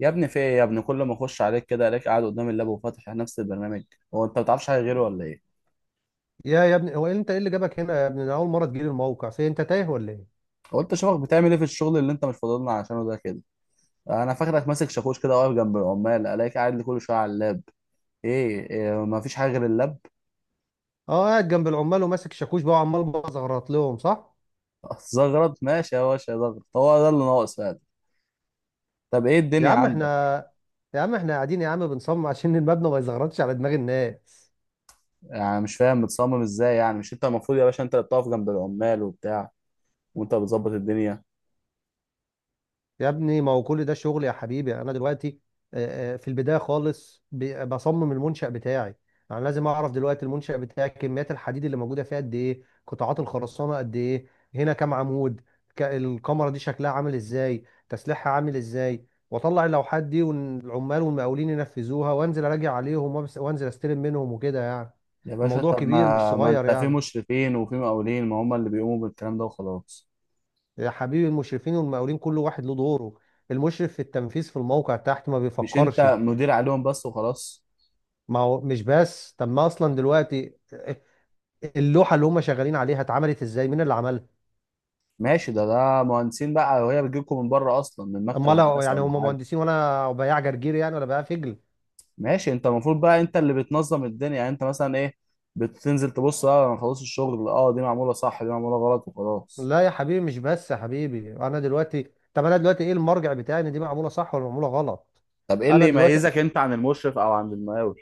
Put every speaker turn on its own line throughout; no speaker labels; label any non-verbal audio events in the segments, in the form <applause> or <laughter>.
يا ابني، في ايه؟ يا ابني، كل ما اخش عليك كده الاقيك قاعد قدام اللاب وفاتح نفس البرنامج. هو انت ما بتعرفش حاجه غيره ولا ايه؟
يا ابني هو إيه انت ايه اللي جابك هنا يا ابني؟ انا اول مره تجيلي الموقع، في انت تايه ولا ايه؟
هو انت شوفك بتعمل ايه في الشغل اللي انت مش فاضلنا عشانه ده كده؟ انا فاكرك ماسك شاكوش كده واقف جنب العمال، الاقيك قاعد لي كل شويه على اللاب. إيه ما فيش حاجه غير اللاب؟
اه قاعد جنب العمال وماسك شاكوش بقى وعمال بزغرط لهم صح.
<laughs> زغرط ماشي يا باشا، زغرط هو ده اللي ناقص فعلا. طب ايه
يا
الدنيا
عم احنا
عندك؟
يا عم احنا قاعدين يا عم بنصمم عشان <laughs> المبنى ما يزغرطش على دماغ الناس.
يعني مش فاهم متصمم ازاي، يعني مش انت المفروض يا باشا انت اللي بتقف جنب العمال وبتاع وانت بتظبط الدنيا؟
يا ابني ما هو كل ده شغل يا حبيبي. انا دلوقتي في البدايه خالص بصمم المنشأ بتاعي. انا لازم اعرف دلوقتي المنشأ بتاعي كميات الحديد اللي موجوده فيها قد ايه، قطاعات الخرسانه قد ايه، هنا كام عمود، الكمره دي شكلها عامل ازاي، تسليحها عامل ازاي، واطلع اللوحات دي والعمال والمقاولين ينفذوها، وانزل اراجع عليهم وانزل استلم منهم وكده يعني.
يا باشا،
الموضوع
طب
كبير مش
ما
صغير
انت في
يعني.
مشرفين وفي مقاولين، ما هم اللي بيقوموا بالكلام ده وخلاص؟
يا حبيبي المشرفين والمقاولين كل واحد له دوره. المشرف في التنفيذ في الموقع تحت ما
مش انت
بيفكرش.
مدير عليهم بس وخلاص؟
ما هو مش بس، طب ما اصلا دلوقتي اللوحه اللي هم شغالين عليها اتعملت ازاي، مين اللي عملها؟
ماشي، ده مهندسين بقى، وهي بتجيلكم من بره اصلا من مكتب
اما لا،
هندسه
يعني
ولا
هم
حاجه؟
مهندسين وانا بياع جرجير يعني ولا بياع فجل؟
ماشي، انت المفروض بقى انت اللي بتنظم الدنيا. يعني انت مثلا ايه، بتنزل تبص اه انا خلاص الشغل، اه دي معموله صح دي معموله غلط وخلاص.
لا يا حبيبي مش بس يا حبيبي. انا دلوقتي، طب انا دلوقتي ايه المرجع بتاعي ان دي معموله صح ولا معموله غلط؟
طب ايه
انا
اللي
دلوقتي،
يميزك انت عن المشرف او عن المقاول؟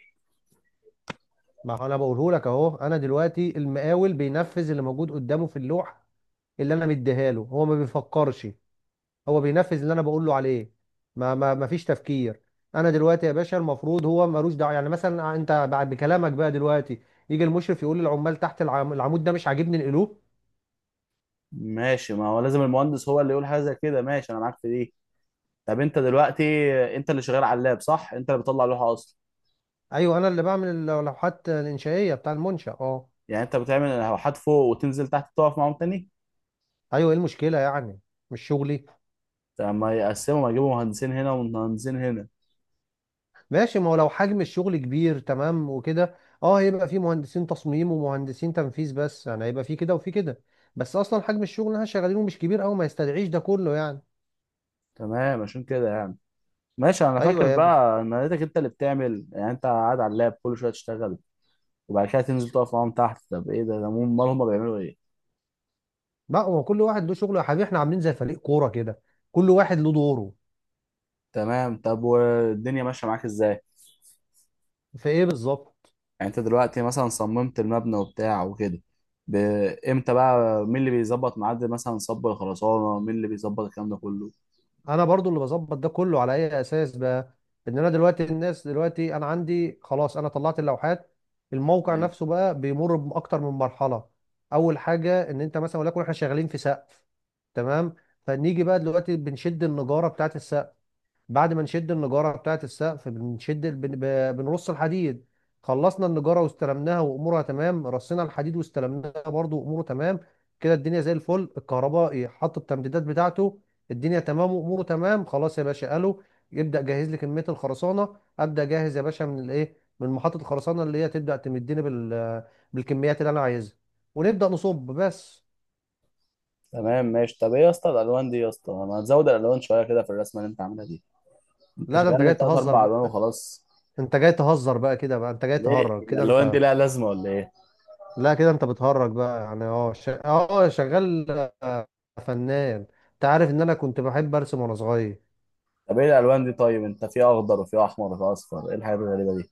ما هو انا بقوله لك اهو، انا دلوقتي المقاول بينفذ اللي موجود قدامه في اللوحه اللي انا مديها له. هو ما بيفكرش، هو بينفذ اللي انا بقول له عليه. ما فيش تفكير. انا دلوقتي يا باشا المفروض هو ملوش دعوه. يعني مثلا انت بعد بكلامك بقى دلوقتي يجي المشرف يقول للعمال تحت العمود ده مش عاجبني نقلوه.
ماشي، ما هو لازم المهندس هو اللي يقول حاجه زي كده، ماشي انا معاك في دي. طب انت دلوقتي انت اللي شغال على اللاب صح؟ انت اللي بتطلع لوحه اصلا؟
ايوه انا اللي بعمل اللوحات الانشائيه بتاع المنشا اه.
يعني انت بتعمل لوحات فوق وتنزل تحت تقف معاهم تاني؟
ايوه، ايه المشكله يعني؟ مش شغلي؟
لما يقسموا يجيبوا مهندسين هنا ومهندسين هنا.
ماشي، ما هو لو حجم الشغل كبير تمام وكده اه هيبقى في مهندسين تصميم ومهندسين تنفيذ، بس يعني هيبقى في كده وفي كده. بس اصلا حجم الشغل اللي احنا شغالينه مش كبير قوي ما يستدعيش ده كله يعني.
تمام، عشان كده يعني. ماشي انا
ايوه
فاكر
يا.
بقى ان لقيتك انت اللي بتعمل، يعني انت قاعد على اللاب كل شويه تشتغل وبعد كده تنزل تقف معاهم تحت، طب ايه ده امال هم بيعملوا ايه؟
لا هو كل واحد له شغله يا حبيبي، احنا عاملين زي فريق كوره كده، كل واحد له دوره.
تمام، طب والدنيا ماشيه معاك ازاي؟
في ايه بالظبط؟
يعني انت دلوقتي مثلا صممت المبنى وبتاع وكده. ب- امتى بقى مين اللي بيظبط ميعاد مثلا صب الخرسانه، مين اللي بيظبط الكلام ده كله؟
انا برضو اللي بظبط ده كله. على اي اساس بقى؟ ان انا دلوقتي الناس دلوقتي انا عندي خلاص انا طلعت اللوحات. الموقع
ماشي.
نفسه بقى بيمر باكتر من مرحله. اول حاجه ان انت مثلا، ولكن احنا شغالين في سقف تمام، فنيجي بقى دلوقتي بنشد النجاره بتاعت السقف. بعد ما نشد النجارة بتاعة السقف بنشد بنرص الحديد. خلصنا النجارة واستلمناها وأمورها تمام، رصينا الحديد واستلمناها برضو وأموره تمام. كده الدنيا زي الفل. الكهربائي حط التمديدات بتاعته، الدنيا تمام وأموره تمام، خلاص يا باشا قالوا يبدأ جهز لي كمية الخرسانة. أبدأ جاهز يا باشا من الإيه، من محطة الخرسانة اللي هي تبدأ تمدني بالكميات اللي أنا عايزها، ونبدأ نصب بس.
تمام ماشي. طب ايه يا اسطى الالوان دي؟ يا اسطى، ما تزود الالوان شويه كده في الرسمه اللي انت عاملها دي، انت
لا ده أنت
شغال لي
جاي
بتلات
تهزر
اربع
بقى،
الوان وخلاص.
أنت جاي تهزر بقى كده بقى أنت جاي
ليه،
تهرج
هي
كده.
الالوان دي
أنت،
لها لازمه ولا ايه؟
لا كده انت بتهرج بقى يعني. اه شغال آه، فنان. انت عارف ان انا كنت بحب ارسم وانا صغير.
طب ايه الالوان دي؟ طيب انت في اخضر وفي احمر وفي اصفر، ايه الحاجات الغريبه دي؟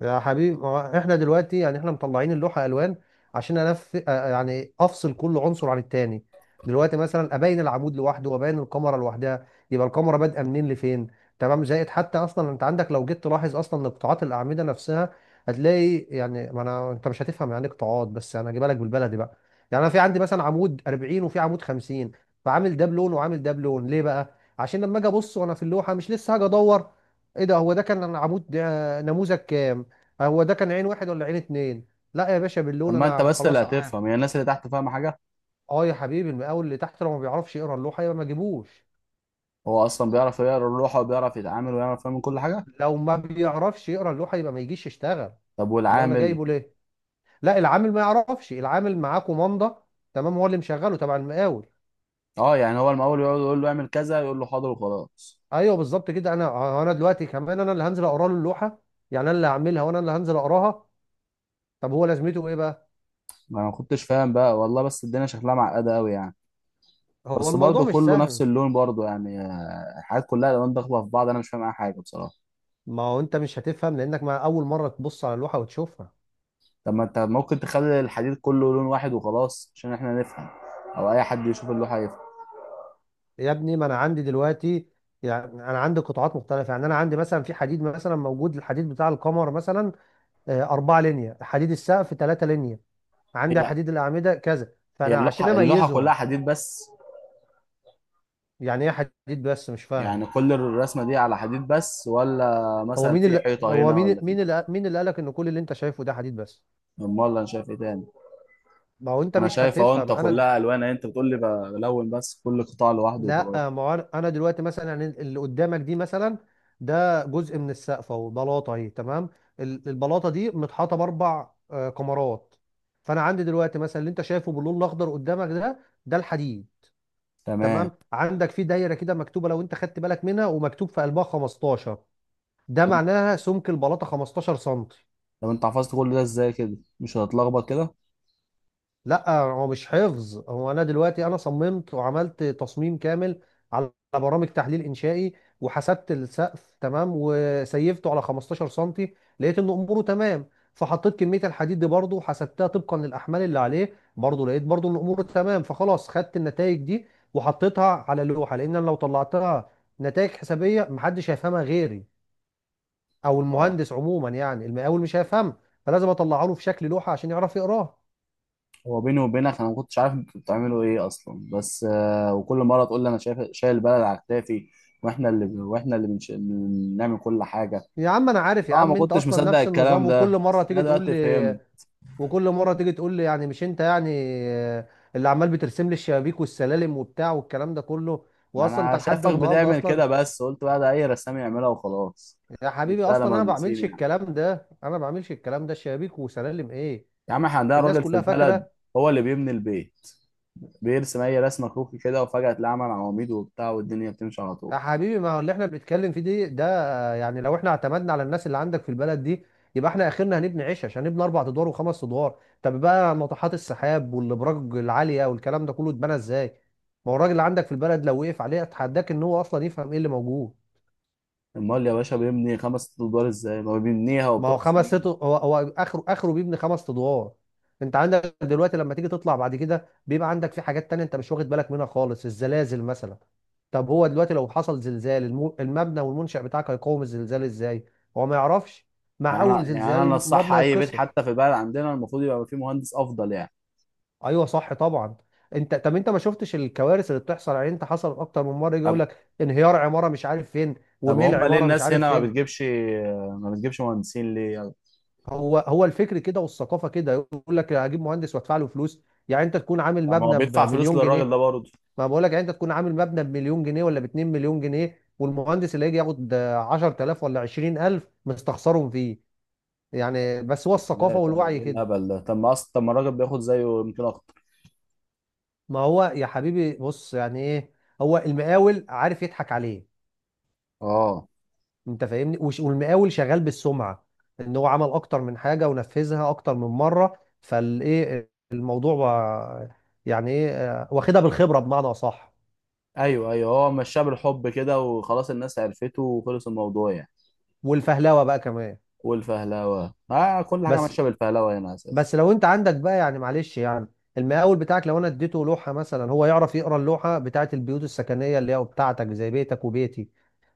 يا حبيبي ما هو احنا دلوقتي يعني احنا مطلعين اللوحه الوان عشان انف آه، يعني افصل كل عنصر عن التاني. دلوقتي مثلا ابين العمود لوحده وابين الكاميرا لوحدها، يبقى الكاميرا بادئه منين لفين. تمام، زائد حتى اصلا انت عندك لو جيت تلاحظ اصلا قطاعات الاعمده نفسها هتلاقي يعني، ما انا انت مش هتفهم يعني إيه قطاعات بس انا هجيبها لك بالبلدي بقى. يعني انا في عندي مثلا عمود 40 وفي عمود 50، فعامل ده بلون وعامل ده بلون. ليه بقى؟ عشان لما اجي ابص وانا في اللوحه مش لسه هاجي ادور ايه ده، هو ده كان عمود نموذج كام، هو ده كان عين واحد ولا عين اتنين. لا يا باشا باللون
اما انت
انا
بس اللي
خلاص عارف.
هتفهم، هي الناس اللي تحت فاهمه حاجه؟
اه يا حبيبي المقاول اللي تحت لو ما بيعرفش يقرا اللوحه يبقى ما جيبوش.
هو اصلا بيعرف يقرا اللوحه وبيعرف يتعامل ويعرف يعمل كل حاجه.
لو ما بيعرفش يقرا اللوحه يبقى ما يجيش يشتغل.
طب
امال انا
والعامل؟
جايبه ليه؟ لا العامل ما يعرفش، العامل معاه كومانده تمام، هو اللي مشغله تبع المقاول.
اه، يعني هو المقاول يقعد يقول له اعمل كذا يقول له حاضر وخلاص؟
ايوه بالظبط كده. انا انا دلوقتي كمان انا اللي هنزل اقرا له اللوحه، يعني انا اللي هعملها وانا اللي هنزل اقراها. طب هو لازمته ايه بقى؟
ما انا ما كنتش فاهم بقى والله، بس الدنيا شكلها معقده قوي يعني.
هو
بس
الموضوع
برضه
مش
كله نفس
سهل.
اللون برضه يعني، الحاجات كلها الالوان داخله في بعض، انا مش فاهم اي حاجه بصراحه.
ما هو انت مش هتفهم لانك مع اول مره تبص على اللوحه وتشوفها.
طب ما انت ممكن تخلي الحديد كله لون واحد وخلاص عشان احنا نفهم، او اي حد يشوف اللوحه يفهم.
يا ابني ما انا عندي دلوقتي، يعني انا عندي قطاعات مختلفه. يعني انا عندي مثلا في حديد، مثلا موجود الحديد بتاع القمر مثلا اربعه لينيا، حديد السقف ثلاثه لينيا، عندي
هي
حديد الاعمده كذا،
هي
فانا عشان
اللوحه
اميزهم.
كلها حديد بس؟
يعني ايه حديد بس مش فاهم؟
يعني كل الرسمه دي على حديد بس، ولا
هو
مثلا
مين
في
اللي
حيطه
هو
هنا
مين
ولا في؟
مين اللي مين اللي قالك ان كل اللي انت شايفه ده حديد بس؟
امال انا شايف ايه تاني؟
ما هو انت
انا
مش
شايف اهو، انت
هتفهم. انا
كلها الوان اهي، انت بتقول لي بلون بس كل قطاع لوحده وخلاص.
لا ما هو انا، أنا دلوقتي مثلا يعني اللي قدامك دي مثلا ده جزء من السقف اهو، بلاطه اهي تمام. البلاطه دي متحاطه باربع كمرات. فانا عندي دلوقتي مثلا اللي انت شايفه باللون الاخضر قدامك ده، ده الحديد.
تمام،
تمام، عندك في دايره كده مكتوبه لو انت خدت بالك منها، ومكتوب في قلبها 15، ده معناها سمك البلاطه 15 سم.
طب انت حفظت كل ده ازاي كده، مش هتتلخبط كده؟
لا هو مش حفظ، هو انا دلوقتي انا صممت وعملت تصميم كامل على برامج تحليل انشائي، وحسبت السقف تمام وسيفته على 15 سنتي لقيت ان اموره تمام، فحطيت كميه الحديد دي برضه وحسبتها طبقا للاحمال اللي عليه برضه لقيت برضه ان اموره تمام، فخلاص خدت النتائج دي وحطيتها على لوحه، لان أنا لو طلعتها نتائج حسابيه محدش هيفهمها غيري، او المهندس عموما، يعني المقاول مش هيفهمها، فلازم اطلعها له في شكل لوحه عشان يعرف يقراها.
هو بيني وبينك انا ما كنتش عارف انتوا بتعملوا ايه اصلا، بس وكل مره تقول لي انا شايف شايل البلد على كتافي، واحنا اللي بنعمل كل حاجه.
يا عم انا عارف يا
طبعا ما
عم، انت
كنتش
اصلا
مصدق
نفس
الكلام
النظام.
ده، بس انا دلوقتي فهمت.
وكل مره تيجي تقول لي يعني مش انت يعني آه، اللي عمال بترسم لي الشبابيك والسلالم وبتاع والكلام ده كله.
ما
واصلا انت
انا
لحد
شايفك
النهارده
بتعمل
اصلا،
كده، بس قلت بقى ده اي رسام يعملها وخلاص.
يا حبيبي
مستاهله
اصلا انا ما
مهندسين
بعملش
يعني؟
الكلام ده، انا ما بعملش الكلام ده شبابيك وسلالم ايه.
يا عم احنا عندنا
الناس
راجل في
كلها
البلد
فاكره.
هو اللي بيبني البيت، بيرسم اي رسمه كروكي كده وفجاه تلاقي عمل عواميد وبتاع والدنيا بتمشي على طول.
يا حبيبي ما هو اللي احنا بنتكلم فيه دي ده، يعني لو احنا اعتمدنا على الناس اللي عندك في البلد دي يبقى احنا اخرنا هنبني عيش. عشان نبني اربع ادوار وخمس ادوار، طب بقى ناطحات السحاب والابراج العاليه والكلام ده كله اتبنى ازاي؟ ما هو الراجل اللي عندك في البلد لو وقف عليه اتحداك ان هو اصلا يفهم ايه اللي موجود.
امال يا باشا بيبني خمس ست ادوار ازاي؟ ما بيبنيها
ما هو
وبتقعد
خمس ست،
سنين.
هو هو اخره اخره بيبني خمس ادوار. انت عندك دلوقتي لما تيجي تطلع بعد كده بيبقى عندك في حاجات تانية انت مش واخد بالك منها خالص، الزلازل مثلا. طب هو دلوقتي لو حصل زلزال المبنى والمنشأ بتاعك هيقاوم الزلزال ازاي؟ هو ما يعرفش، مع
يعني أنا
اول
يعني
زلزال
أنا الصح
المبنى
أي بيت
هيتكسر.
حتى في البلد عندنا المفروض يبقى فيه مهندس أفضل يعني.
ايوه صح طبعا. انت، طب انت ما شفتش الكوارث اللي بتحصل يعني؟ انت حصل اكتر من مره يجي يقول
طب
لك انهيار عماره مش عارف فين،
طب
وميل
هم ليه
عماره مش
الناس
عارف
هنا ما
فين.
بتجيبش، ما بتجيبش مهندسين ليه يعني؟
هو الفكر كده والثقافه كده، يقول لك هجيب مهندس وادفع له فلوس. يعني انت تكون عامل
طب ما هو
مبنى
بيدفع فلوس
بمليون
للراجل ده
جنيه،
برضه.
ما بقول لك يعني انت تكون عامل مبنى بمليون جنيه ولا ب 2 مليون جنيه، والمهندس اللي هيجي ياخد 10,000 ولا 20,000 مستخسرهم فيه يعني. بس هو الثقافه
ازاي طيب،
والوعي
ايه
كده.
الهبل ده؟ طب ما اصلا، طب ما الراجل بياخد زيه يمكن اكتر.
ما هو يا حبيبي بص يعني ايه، هو المقاول عارف يضحك عليه.
اه،
انت فاهمني والمقاول شغال بالسمعه، ان هو عمل اكتر من حاجه ونفذها اكتر من مره، فالايه الموضوع بقى. يعني ايه واخدها بالخبره بمعنى اصح.
ايوه ايوه، هو مشاه بالحب كده وخلاص، الناس عرفته وخلص الموضوع يعني.
والفهلوه بقى كمان.
والفهلوه، كل حاجه
بس
ماشيه بالفهلوه هنا اساسا.
بس لو انت عندك بقى يعني معلش يعني، المقاول بتاعك لو انا اديته لوحه مثلا هو يعرف يقرا اللوحه بتاعت البيوت السكنيه اللي هي بتاعتك، زي بيتك وبيتي.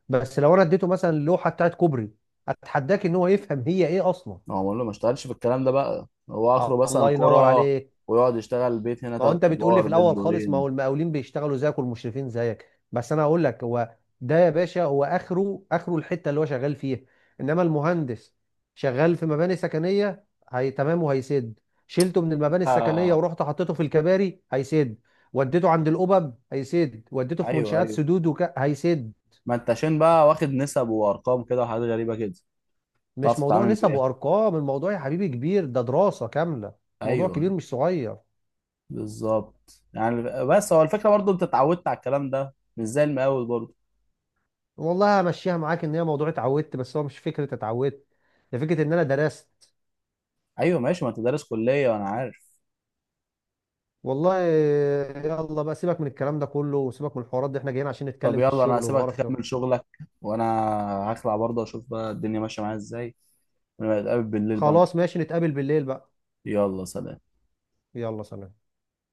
بس لو انا اديته مثلا اللوحه بتاعت كوبري اتحداك ان هو يفهم هي ايه اصلا.
هو بقول له ما اشتغلش في الكلام ده بقى، هو اخره مثلا
الله ينور
كرة،
عليك.
ويقعد يشتغل بيت هنا
ما هو
تلات
انت بتقول لي
ادوار،
في
بيت
الاول خالص ما
دورين.
هو المقاولين بيشتغلوا زيك والمشرفين زيك، بس انا هقول لك هو ده يا باشا هو اخره اخره الحته اللي هو شغال فيها. انما المهندس شغال في مباني سكنيه، هي تمام وهيسد، شلته من المباني السكنيه ورحت حطيته في الكباري هيسد، وديته عند الأبب هيسد، وديته في
ايوه
منشآت
ايوه،
سدود هيسد.
ما انت عشان بقى واخد نسب وارقام كده وحاجات غريبه كده
مش
تعرف
موضوع
تتعامل
نسب
بيها.
وارقام، الموضوع يا حبيبي كبير، ده دراسه كامله. موضوع
ايوه
كبير
أيوة،
مش صغير.
بالظبط يعني. بس هو الفكره برضو انت اتعودت على الكلام ده، مش زي المقاول برضو.
والله همشيها معاك ان هي موضوع اتعودت، بس هو مش فكره اتعودت، ده فكره ان انا درست
ايوه ماشي، ما انت دارس كليه وانا عارف.
والله. يلا بقى سيبك من الكلام ده كله وسيبك من الحوارات دي، احنا جايين عشان
طب
نتكلم في
يلا انا
الشغل
هسيبك
وقرف.
تكمل شغلك، وانا هخلع برضه اشوف بقى الدنيا ماشيه معايا ازاي، ونبقى نتقابل بالليل بقى
خلاص
نشوف.
ماشي، نتقابل بالليل بقى.
يلا سلام.
يلا سلام.